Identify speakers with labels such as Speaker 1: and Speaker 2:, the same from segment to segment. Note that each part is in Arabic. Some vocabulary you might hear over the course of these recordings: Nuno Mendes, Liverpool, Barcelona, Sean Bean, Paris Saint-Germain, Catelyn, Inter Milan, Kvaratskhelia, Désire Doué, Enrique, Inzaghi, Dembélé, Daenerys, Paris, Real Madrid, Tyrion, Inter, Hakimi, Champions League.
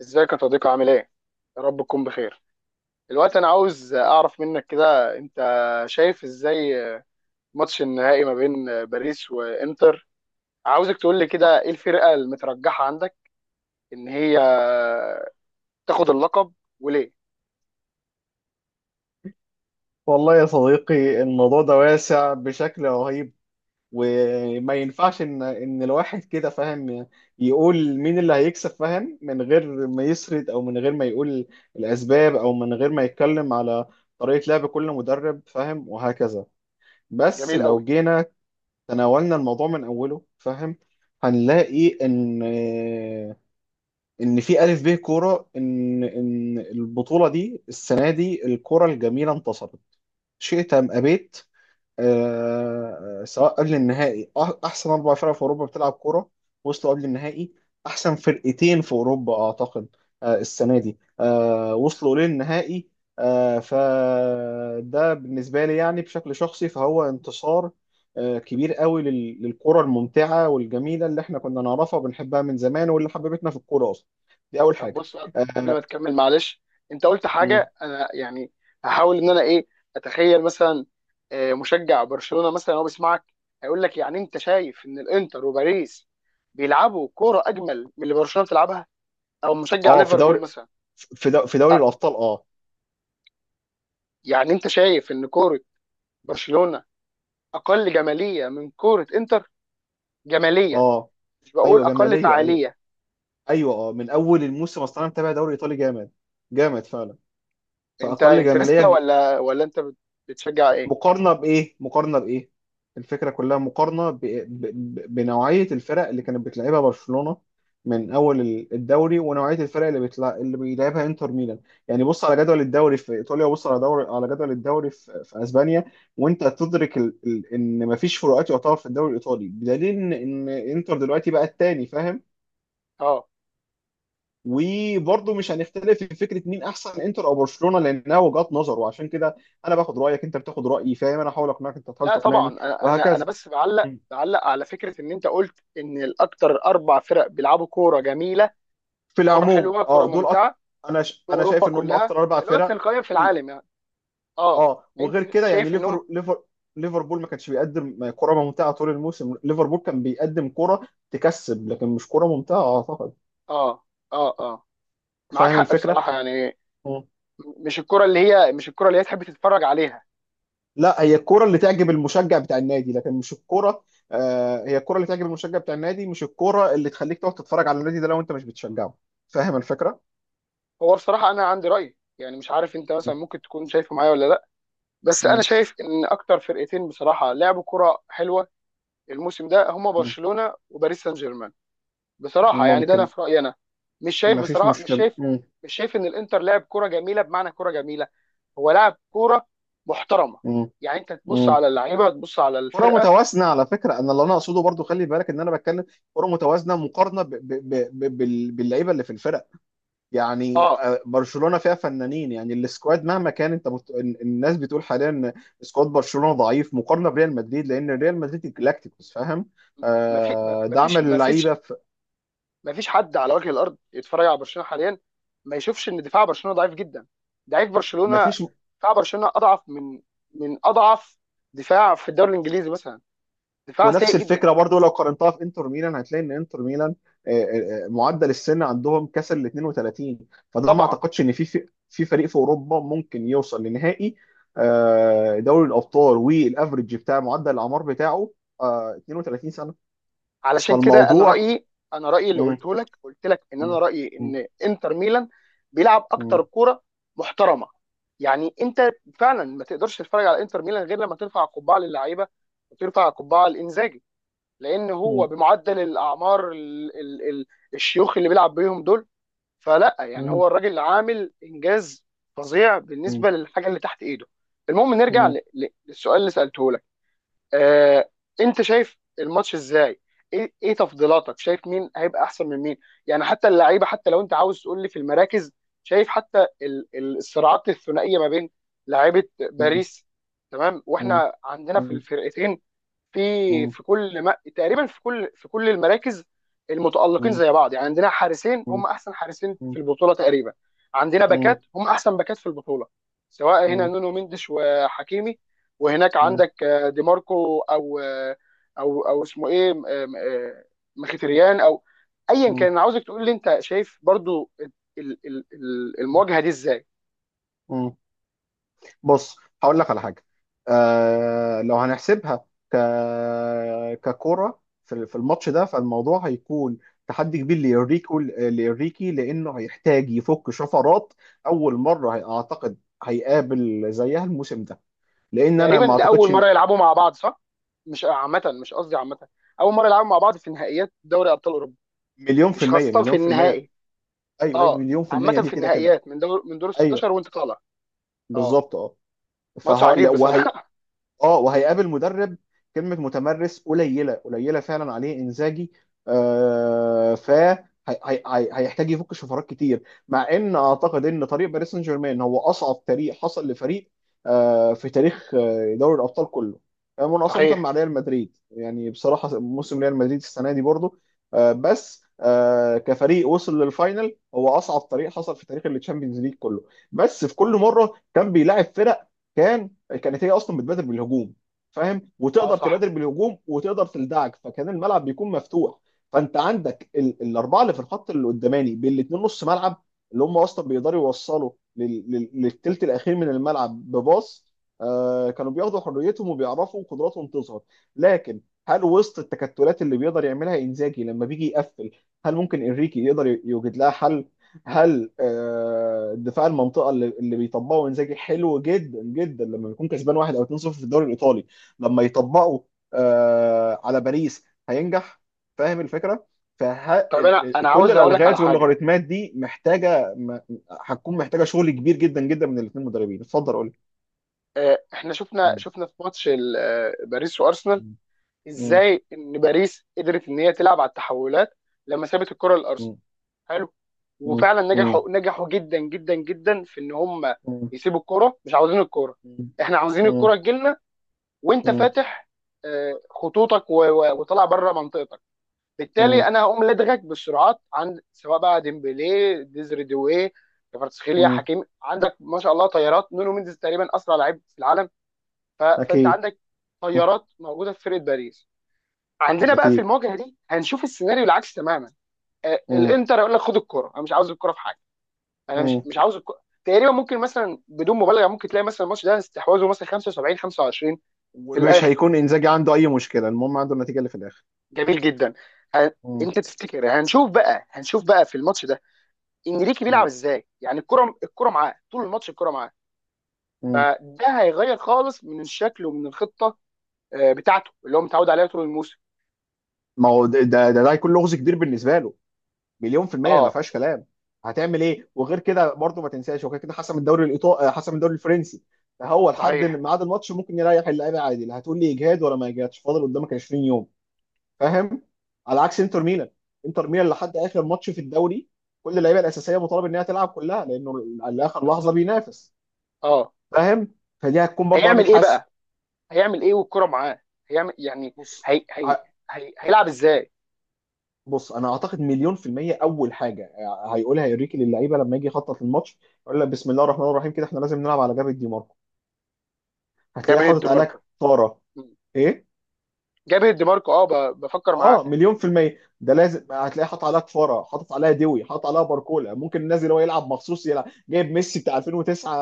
Speaker 1: ازيك يا صديقي؟ عامل ايه؟ يا رب تكون بخير. دلوقتي انا عاوز اعرف منك كده، انت شايف ازاي ماتش النهائي ما بين باريس وانتر؟ عاوزك تقول لي كده ايه الفرقة المترجحة عندك ان هي تاخد اللقب، وليه؟
Speaker 2: والله يا صديقي الموضوع ده واسع بشكل رهيب، وما ينفعش ان الواحد كده فاهم يقول مين اللي هيكسب، فاهم، من غير ما يسرد او من غير ما يقول الاسباب او من غير ما يتكلم على طريقة لعب كل مدرب، فاهم، وهكذا. بس
Speaker 1: جميل
Speaker 2: لو
Speaker 1: قوي.
Speaker 2: جينا تناولنا الموضوع من اوله، فاهم، هنلاقي ان في الف ب كوره ان البطولة دي السنة دي الكوره الجميلة انتصرت، شئت ام ابيت. سواء قبل النهائي احسن اربع فرق في اوروبا بتلعب كوره وصلوا قبل النهائي. احسن فرقتين في اوروبا اعتقد. السنه دي وصلوا للنهائي. فده بالنسبه لي يعني بشكل شخصي فهو انتصار كبير قوي للكره الممتعه والجميله اللي احنا كنا نعرفها وبنحبها من زمان واللي حببتنا في الكوره اصلا. دي اول
Speaker 1: طب
Speaker 2: حاجه.
Speaker 1: بص، قبل
Speaker 2: اه.
Speaker 1: ما تكمل معلش، انت قلت
Speaker 2: مم.
Speaker 1: حاجة انا يعني هحاول انا ايه، اتخيل مثلا مشجع برشلونة مثلا هو بيسمعك، هيقول لك يعني انت شايف ان الانتر وباريس بيلعبوا كورة اجمل من اللي برشلونة بتلعبها؟ او مشجع
Speaker 2: في دوري
Speaker 1: ليفربول مثلا.
Speaker 2: في دوري
Speaker 1: أ-
Speaker 2: الابطال اه.
Speaker 1: يعني انت شايف ان كوره برشلونه اقل جماليه من كوره انتر؟ جماليه،
Speaker 2: اه.
Speaker 1: مش بقول
Speaker 2: ايوه
Speaker 1: اقل
Speaker 2: جماليه ايوه.
Speaker 1: فعاليه.
Speaker 2: ايوه اه، من اول الموسم اصلا انا متابع دوري ايطالي جامد، جامد فعلا.
Speaker 1: انت
Speaker 2: فاقل جماليه
Speaker 1: انترستا ولا انت بتشجع ايه؟
Speaker 2: مقارنه بايه، مقارنه بايه؟ الفكره كلها مقارنه بنوعيه الفرق اللي كانت بتلعبها برشلونه من اول الدوري، ونوعيه الفرق اللي اللي بيلعبها انتر ميلان. يعني بص على جدول الدوري في ايطاليا وبص على دوري على جدول الدوري في اسبانيا، وانت تدرك ان مفيش فروقات يعتبر في الدوري الايطالي، بدليل ان انتر دلوقتي بقى الثاني، فاهم.
Speaker 1: اه.
Speaker 2: وبرضه مش هنختلف في فكره مين احسن انتر او برشلونه، لانها وجهات نظر، وعشان كده انا باخد رايك، انت بتاخد رايي، فاهم، انا احاول اقنعك، انت تحاول
Speaker 1: لا طبعا،
Speaker 2: تقنعني
Speaker 1: انا أنا
Speaker 2: وهكذا.
Speaker 1: بس بعلق،
Speaker 2: مم.
Speaker 1: بعلق على فكره ان انت قلت ان الاكتر اربع فرق بيلعبوا كوره جميله،
Speaker 2: في
Speaker 1: كوره
Speaker 2: العموم
Speaker 1: حلوه، كوره
Speaker 2: اه دول أكتر.
Speaker 1: ممتعه في
Speaker 2: انا
Speaker 1: اوروبا
Speaker 2: شايف ان هم
Speaker 1: كلها،
Speaker 2: اكتر اربع
Speaker 1: الوقت
Speaker 2: فرق.
Speaker 1: القيم في
Speaker 2: اكيد.
Speaker 1: العالم يعني. اه،
Speaker 2: اه وغير
Speaker 1: انت
Speaker 2: كده يعني
Speaker 1: شايف انهم؟
Speaker 2: ليفر ليفربول ما كانش بيقدم كرة ممتعة طول الموسم. ليفربول كان بيقدم كرة تكسب لكن مش كرة ممتعة اعتقد.
Speaker 1: اه اه اه، معاك
Speaker 2: فاهم
Speaker 1: حق
Speaker 2: الفكرة.
Speaker 1: بصراحه يعني.
Speaker 2: م.
Speaker 1: مش الكرة اللي هي، مش الكرة اللي هي تحب تتفرج عليها.
Speaker 2: لا، هي الكرة اللي تعجب المشجع بتاع النادي لكن مش الكرة. هي الكرة اللي تعجب المشجع بتاع النادي، مش الكرة اللي تخليك تقعد تتفرج على النادي ده لو انت مش بتشجعه. فاهم الفكرة؟
Speaker 1: هو بصراحة أنا عندي رأي يعني، مش عارف أنت مثلا
Speaker 2: م-
Speaker 1: ممكن تكون شايفه معايا ولا لأ، بس أنا
Speaker 2: م-
Speaker 1: شايف إن أكتر فرقتين بصراحة لعبوا كرة حلوة الموسم ده هما
Speaker 2: م-
Speaker 1: برشلونة وباريس سان جيرمان. بصراحة يعني ده أنا
Speaker 2: ممكن.
Speaker 1: في رأيي أنا. مش شايف
Speaker 2: مفيش
Speaker 1: بصراحة، مش
Speaker 2: مشكلة.
Speaker 1: شايف، مش شايف إن الإنتر لعب كرة جميلة بمعنى كرة جميلة. هو لعب كرة محترمة،
Speaker 2: م-
Speaker 1: يعني أنت تبص
Speaker 2: م.
Speaker 1: على اللعيبة، تبص على
Speaker 2: كرة
Speaker 1: الفرقة.
Speaker 2: متوازنة على فكرة، انا اللي انا اقصده برضو خلي بالك ان انا بتكلم كرة متوازنة مقارنة باللعيبة اللي في الفرق. يعني
Speaker 1: أه.
Speaker 2: برشلونة فيها فنانين، يعني السكواد مهما كان انت الناس بتقول حاليا ان سكواد برشلونة ضعيف مقارنة بريال مدريد، لان ريال مدريد الجلاكتيكوس، فاهم.
Speaker 1: مفيش
Speaker 2: آه دعم
Speaker 1: مفيش
Speaker 2: اللعيبة
Speaker 1: مفيش
Speaker 2: في...
Speaker 1: ما فيش حد على وجه الارض يتفرج على برشلونه حاليا ما يشوفش ان دفاع برشلونه ضعيف جدا. ضعيف برشلونه،
Speaker 2: مفيش.
Speaker 1: دفاع برشلونه اضعف من، من اضعف دفاع في الدوري الانجليزي مثلا. دفاع
Speaker 2: ونفس
Speaker 1: سيء جدا.
Speaker 2: الفكرة برضو لو قارنتها في انتر ميلان هتلاقي ان انتر ميلان معدل السن عندهم كسر ال 32. فده ما
Speaker 1: طبعا.
Speaker 2: اعتقدش ان في فريق في اوروبا ممكن يوصل لنهائي دوري الابطال، والافرج بتاع معدل الاعمار بتاعه 32 سنة.
Speaker 1: علشان كده انا
Speaker 2: فالموضوع.
Speaker 1: رايي، انا رايي اللي
Speaker 2: مم.
Speaker 1: قلته لك، قلت لك ان انا
Speaker 2: مم.
Speaker 1: رايي
Speaker 2: مم.
Speaker 1: ان انتر ميلان بيلعب
Speaker 2: مم.
Speaker 1: اكتر كوره محترمه. يعني انت فعلا ما تقدرش تتفرج على انتر ميلان غير لما ترفع القبعه للعيبه، وترفع القبعه لانزاجي، لان هو
Speaker 2: مم.
Speaker 1: بمعدل الاعمار ال الشيوخ اللي بيلعب بيهم دول. فلا يعني هو الراجل عامل انجاز فظيع
Speaker 2: مم.
Speaker 1: بالنسبه للحاجه اللي تحت ايده. المهم نرجع
Speaker 2: مم.
Speaker 1: للسؤال اللي سالته لك. آه، انت شايف الماتش ازاي؟ ايه ايه تفضيلاتك؟ شايف مين هيبقى احسن من مين؟ يعني حتى اللعيبه، حتى لو انت عاوز تقول لي في المراكز، شايف حتى الصراعات الثنائيه ما بين لعيبه
Speaker 2: مم.
Speaker 1: باريس، تمام،
Speaker 2: مم.
Speaker 1: واحنا عندنا في
Speaker 2: مم.
Speaker 1: الفرقتين في
Speaker 2: مم.
Speaker 1: في كل، ما تقريبا في كل المراكز المتألقين
Speaker 2: مم.
Speaker 1: زي بعض. يعني عندنا حارسين
Speaker 2: مم. مم.
Speaker 1: هم احسن حارسين
Speaker 2: مم.
Speaker 1: في البطولة تقريبا، عندنا باكات هم احسن باكات في البطولة، سواء هنا
Speaker 2: مم.
Speaker 1: نونو مندش وحكيمي، وهناك
Speaker 2: مم.
Speaker 1: عندك دي ماركو او او اسمه ايه، آم، آه، مخيتريان او ايا كان.
Speaker 2: مم.
Speaker 1: انا عاوزك تقول لي انت شايف برضو المواجهة دي ازاي.
Speaker 2: مم. بص. هقول لك على حاجه. آه لو هنحسبها ك ككره في الماتش ده فالموضوع هيكون تحدي كبير لإنريكي، لأنه هيحتاج يفك شفرات. أول مرة أعتقد هيقابل زيها الموسم ده، لأن أنا
Speaker 1: تقريبا
Speaker 2: ما
Speaker 1: ده اول
Speaker 2: أعتقدش.
Speaker 1: مرة يلعبوا مع بعض، صح؟ مش عامة، مش قصدي عامة، اول مرة يلعبوا مع بعض في نهائيات دوري ابطال اوروبا،
Speaker 2: مليون في
Speaker 1: مش
Speaker 2: المية
Speaker 1: خاصة في
Speaker 2: مليون في المية
Speaker 1: النهائي.
Speaker 2: ايوه
Speaker 1: اه
Speaker 2: مليون في
Speaker 1: عامة
Speaker 2: المية دي
Speaker 1: في
Speaker 2: كده كده.
Speaker 1: النهائيات من دور، من دور ال 16
Speaker 2: ايوه
Speaker 1: وانت طالع. اه.
Speaker 2: بالظبط اه.
Speaker 1: ماتش
Speaker 2: فه...
Speaker 1: عجيب
Speaker 2: لا، وهي...
Speaker 1: بصراحة.
Speaker 2: اه وهيقابل مدرب كلمة متمرس قليلة، قليلة فعلا عليه انزاجي. آه ف هي- هي- هي- هيحتاج يفك شفرات كتير، مع ان اعتقد ان طريق باريس سان جيرمان هو اصعب طريق حصل لفريق في تاريخ دوري الابطال كله، مناصفة مع
Speaker 1: صحيح.
Speaker 2: ريال مدريد. يعني بصراحة موسم ريال مدريد السنة دي برضو آه، بس آه كفريق وصل للفاينل هو اصعب طريق حصل في تاريخ التشامبيونز ليج كله. بس في كل مرة كان بيلاعب فرق كان كانت هي اصلا بتبادر بالهجوم، فاهم،
Speaker 1: اه
Speaker 2: وتقدر
Speaker 1: صح.
Speaker 2: تبادر بالهجوم وتقدر تلدعك، فكان الملعب بيكون مفتوح. فانت عندك الاربعه اللي في الخط اللي قداماني بالاثنين نص ملعب، اللي هم اصلا بيقدروا يوصلوا للتلت الاخير من الملعب بباص. آه كانوا بياخدوا حريتهم وبيعرفوا قدراتهم تظهر. لكن هل وسط التكتلات اللي بيقدر يعملها انزاجي لما بيجي يقفل، هل ممكن انريكي يقدر يوجد لها حل؟ هل دفاع المنطقه اللي بيطبقه انزاجي حلو جدا جدا لما بيكون كسبان واحد او 2-0 في الدوري الايطالي، لما يطبقه على باريس هينجح؟ فاهم الفكره؟
Speaker 1: طب انا، انا
Speaker 2: فكل
Speaker 1: عاوز اقول لك على
Speaker 2: الالغاز
Speaker 1: حاجة.
Speaker 2: واللوغاريتمات دي محتاجه هتكون محتاجه شغل كبير جدا جدا من الاثنين مدربين. اتفضل قول.
Speaker 1: آه، احنا شفنا،
Speaker 2: مم.
Speaker 1: شفنا في ماتش باريس وارسنال
Speaker 2: مم.
Speaker 1: ازاي ان باريس قدرت ان هي تلعب على التحولات لما سابت الكرة لارسنال.
Speaker 2: مم.
Speaker 1: حلو.
Speaker 2: مم.
Speaker 1: وفعلا
Speaker 2: مم.
Speaker 1: نجحوا، نجحوا جدا جدا جدا في ان هم
Speaker 2: مم.
Speaker 1: يسيبوا الكرة. مش عاوزين الكرة، احنا عاوزين
Speaker 2: مم.
Speaker 1: الكرة تجيلنا وانت
Speaker 2: مم.
Speaker 1: فاتح خطوطك وطالع بره منطقتك. بالتالي
Speaker 2: مم.
Speaker 1: انا هقوم لدغك بالسرعات، عند سواء بقى ديمبلي، ديزري دوي، كفاراتسخيليا،
Speaker 2: مم.
Speaker 1: حكيمي. عندك ما شاء الله طيارات، نونو مينديز تقريبا اسرع لعيب في العالم. فانت
Speaker 2: أكيد.
Speaker 1: عندك
Speaker 2: مم.
Speaker 1: طيارات موجوده في فرقه باريس. عندنا بقى في
Speaker 2: أكيد.
Speaker 1: المواجهه دي هنشوف السيناريو العكس تماما. آه،
Speaker 2: مم.
Speaker 1: الانتر يقول لك خد الكره، انا مش عاوز الكره في حاجه، انا
Speaker 2: مم.
Speaker 1: مش عاوز الكره تقريبا. ممكن مثلا بدون مبالغه، ممكن تلاقي مثلا الماتش ده استحواذه مثلا 75 25. في
Speaker 2: ومش
Speaker 1: الاخر.
Speaker 2: هيكون انزاجي عنده اي مشكله، المهم عنده النتيجه اللي في الاخر.
Speaker 1: جميل جدا. ه-
Speaker 2: مم.
Speaker 1: انت تفتكر هنشوف بقى، هنشوف بقى في الماتش ده انريكي بيلعب
Speaker 2: مم.
Speaker 1: ازاي؟ يعني الكره، الكره معاه طول الماتش الكره معاه،
Speaker 2: مم.
Speaker 1: فده هيغير خالص من الشكل ومن الخطه بتاعته اللي هو متعود عليها طول الموسم.
Speaker 2: ما هو ده هيكون لغز كبير بالنسبه له. مليون في الميه ما
Speaker 1: اه
Speaker 2: فيهاش كلام. هتعمل ايه؟ وغير كده برضه ما تنساش هو كده كده حسم الدوري الايطالي، حسم الدوري الفرنسي. فهو لحد إن
Speaker 1: صحيح.
Speaker 2: ميعاد الماتش ممكن يريح اللعيبه عادي، لا هتقول لي اجهاد ولا ما اجهادش، فاضل قدامك 20 يوم، فاهم، على عكس انتر ميلان. انتر ميلان لحد اخر ماتش في الدوري كل اللعيبه الاساسيه مطالب انها تلعب كلها، لانه لاخر لحظه
Speaker 1: بالظبط.
Speaker 2: بينافس،
Speaker 1: اه.
Speaker 2: فاهم. فدي هتكون برضه عامل
Speaker 1: هيعمل ايه
Speaker 2: حسم.
Speaker 1: بقى؟ هيعمل ايه والكره معاه؟ هيعمل يعني،
Speaker 2: بص
Speaker 1: هي... هي... هيلعب ازاي؟
Speaker 2: بص انا اعتقد مليون في المية اول حاجة هيقولها يوريكي للعيبة لما يجي يخطط للماتش، يقول لك بسم الله الرحمن الرحيم، كده احنا لازم نلعب على جبهة دي ماركو.
Speaker 1: جاب
Speaker 2: هتلاقيه
Speaker 1: هيد
Speaker 2: حاطط عليها
Speaker 1: ماركو.
Speaker 2: كفارة.
Speaker 1: مم.
Speaker 2: ايه؟
Speaker 1: جاب هيد ماركو. اه، بفكر
Speaker 2: اه
Speaker 1: معاك.
Speaker 2: مليون في المية ده لازم، هتلاقيه حاطط عليها كفارة، حاطط عليها دوي، حاطط عليها باركولا، ممكن نازل هو يلعب مخصوص، يلعب جايب ميسي بتاع 2009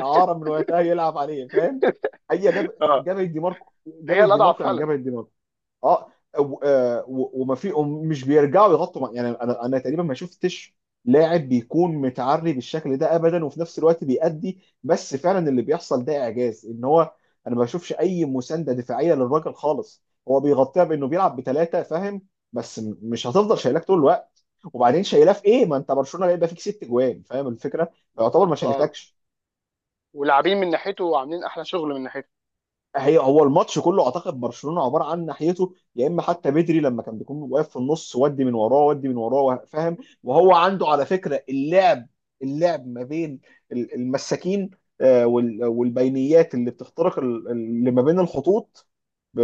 Speaker 2: اعارة من وقتها يلعب عليه، فاهم. هي جاب
Speaker 1: اه
Speaker 2: جبهة دي ماركو،
Speaker 1: هي
Speaker 2: جبهة دي
Speaker 1: الاضعف
Speaker 2: ماركو يعني
Speaker 1: فعلا.
Speaker 2: جبهة دي ماركو. اه وما في، مش بيرجعوا يغطوا يعني انا تقريبا ما شفتش لاعب بيكون متعري بالشكل ده ابدا وفي نفس الوقت بيأدي. بس فعلا اللي بيحصل ده اعجاز ان هو، انا ما بشوفش اي مسانده دفاعيه للراجل خالص، هو بيغطيها بانه بيلعب بثلاثه، فاهم. بس مش هتفضل شايلاك طول الوقت، وبعدين شايلاه في ايه؟ ما انت برشلونه بيبقى فيك ست جوان، فاهم الفكره. فيعتبر ما
Speaker 1: بالظبط اه.
Speaker 2: شالتكش.
Speaker 1: ولاعبين من ناحيته، وعاملين احلى شغل من ناحيته.
Speaker 2: هي هو الماتش كله اعتقد برشلونه عباره عن ناحيته، يا اما حتى بدري لما كان بيكون واقف في النص ودي من وراه ودي من وراه فاهم. وهو عنده على فكره اللعب، اللعب ما بين المساكين والبينيات اللي بتخترق اللي ما بين الخطوط. ب-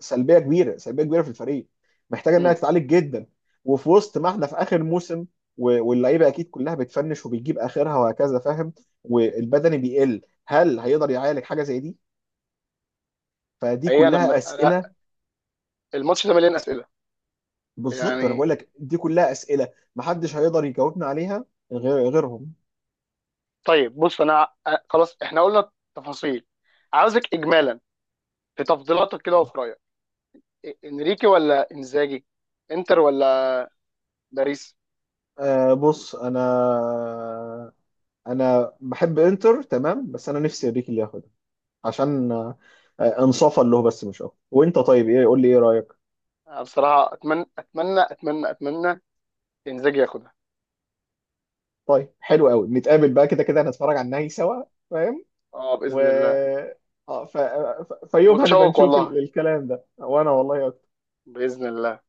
Speaker 2: سلبيه كبيره، سلبيه كبيره في الفريق، محتاجه انها
Speaker 1: مم.
Speaker 2: تتعالج جدا. وفي وسط ما احنا في اخر موسم، واللعيبه اكيد كلها بتفنش وبتجيب اخرها وهكذا، فاهم، والبدني بيقل. هل هيقدر يعالج حاجه زي دي؟ فدي
Speaker 1: هي، انا
Speaker 2: كلها
Speaker 1: انا
Speaker 2: اسئله.
Speaker 1: الماتش ده مليان اسئله
Speaker 2: بالظبط انا
Speaker 1: يعني.
Speaker 2: بقول لك دي كلها اسئله محدش هيقدر يجاوبنا عليها غير غيرهم.
Speaker 1: طيب بص، انا خلاص، احنا قلنا تفاصيل، عاوزك اجمالا في تفضيلاتك كده وفي رايك، انريكي ولا انزاجي؟ انتر ولا باريس؟
Speaker 2: آه بص. انا بحب انتر تمام، بس انا نفسي اريكي اللي ياخدها، عشان آه انصافا له، بس مش اكتر. وانت طيب ايه، قول لي ايه رايك؟
Speaker 1: أنا بصراحه اتمنى، اتمنى، اتمنى، اتمنى انزاجي ياخدها.
Speaker 2: طيب حلو قوي، نتقابل بقى، كده كده هنتفرج على النهائي سوا، فاهم.
Speaker 1: اه
Speaker 2: و
Speaker 1: باذن الله.
Speaker 2: اه فيوم هنبقى
Speaker 1: متشوق
Speaker 2: نشوف
Speaker 1: والله.
Speaker 2: الكلام ده، وانا والله أكتر.
Speaker 1: باذن الله.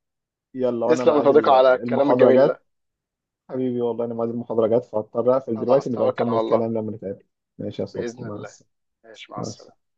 Speaker 2: يلا، وانا
Speaker 1: تسلم يا
Speaker 2: ميعاد
Speaker 1: صديقي على الكلام
Speaker 2: المحاضره
Speaker 1: الجميل ده.
Speaker 2: جت. حبيبي والله، أنا ميعاد المحاضرة جت فهضطر أقفل
Speaker 1: خلاص
Speaker 2: دلوقتي، نبقى
Speaker 1: توكل على
Speaker 2: نكمل
Speaker 1: الله.
Speaker 2: كلام لما نتقابل. ماشي يا صديقي
Speaker 1: باذن
Speaker 2: مع
Speaker 1: الله.
Speaker 2: السلامة.
Speaker 1: ماشي مع
Speaker 2: مع
Speaker 1: السلامه.
Speaker 2: السلامة.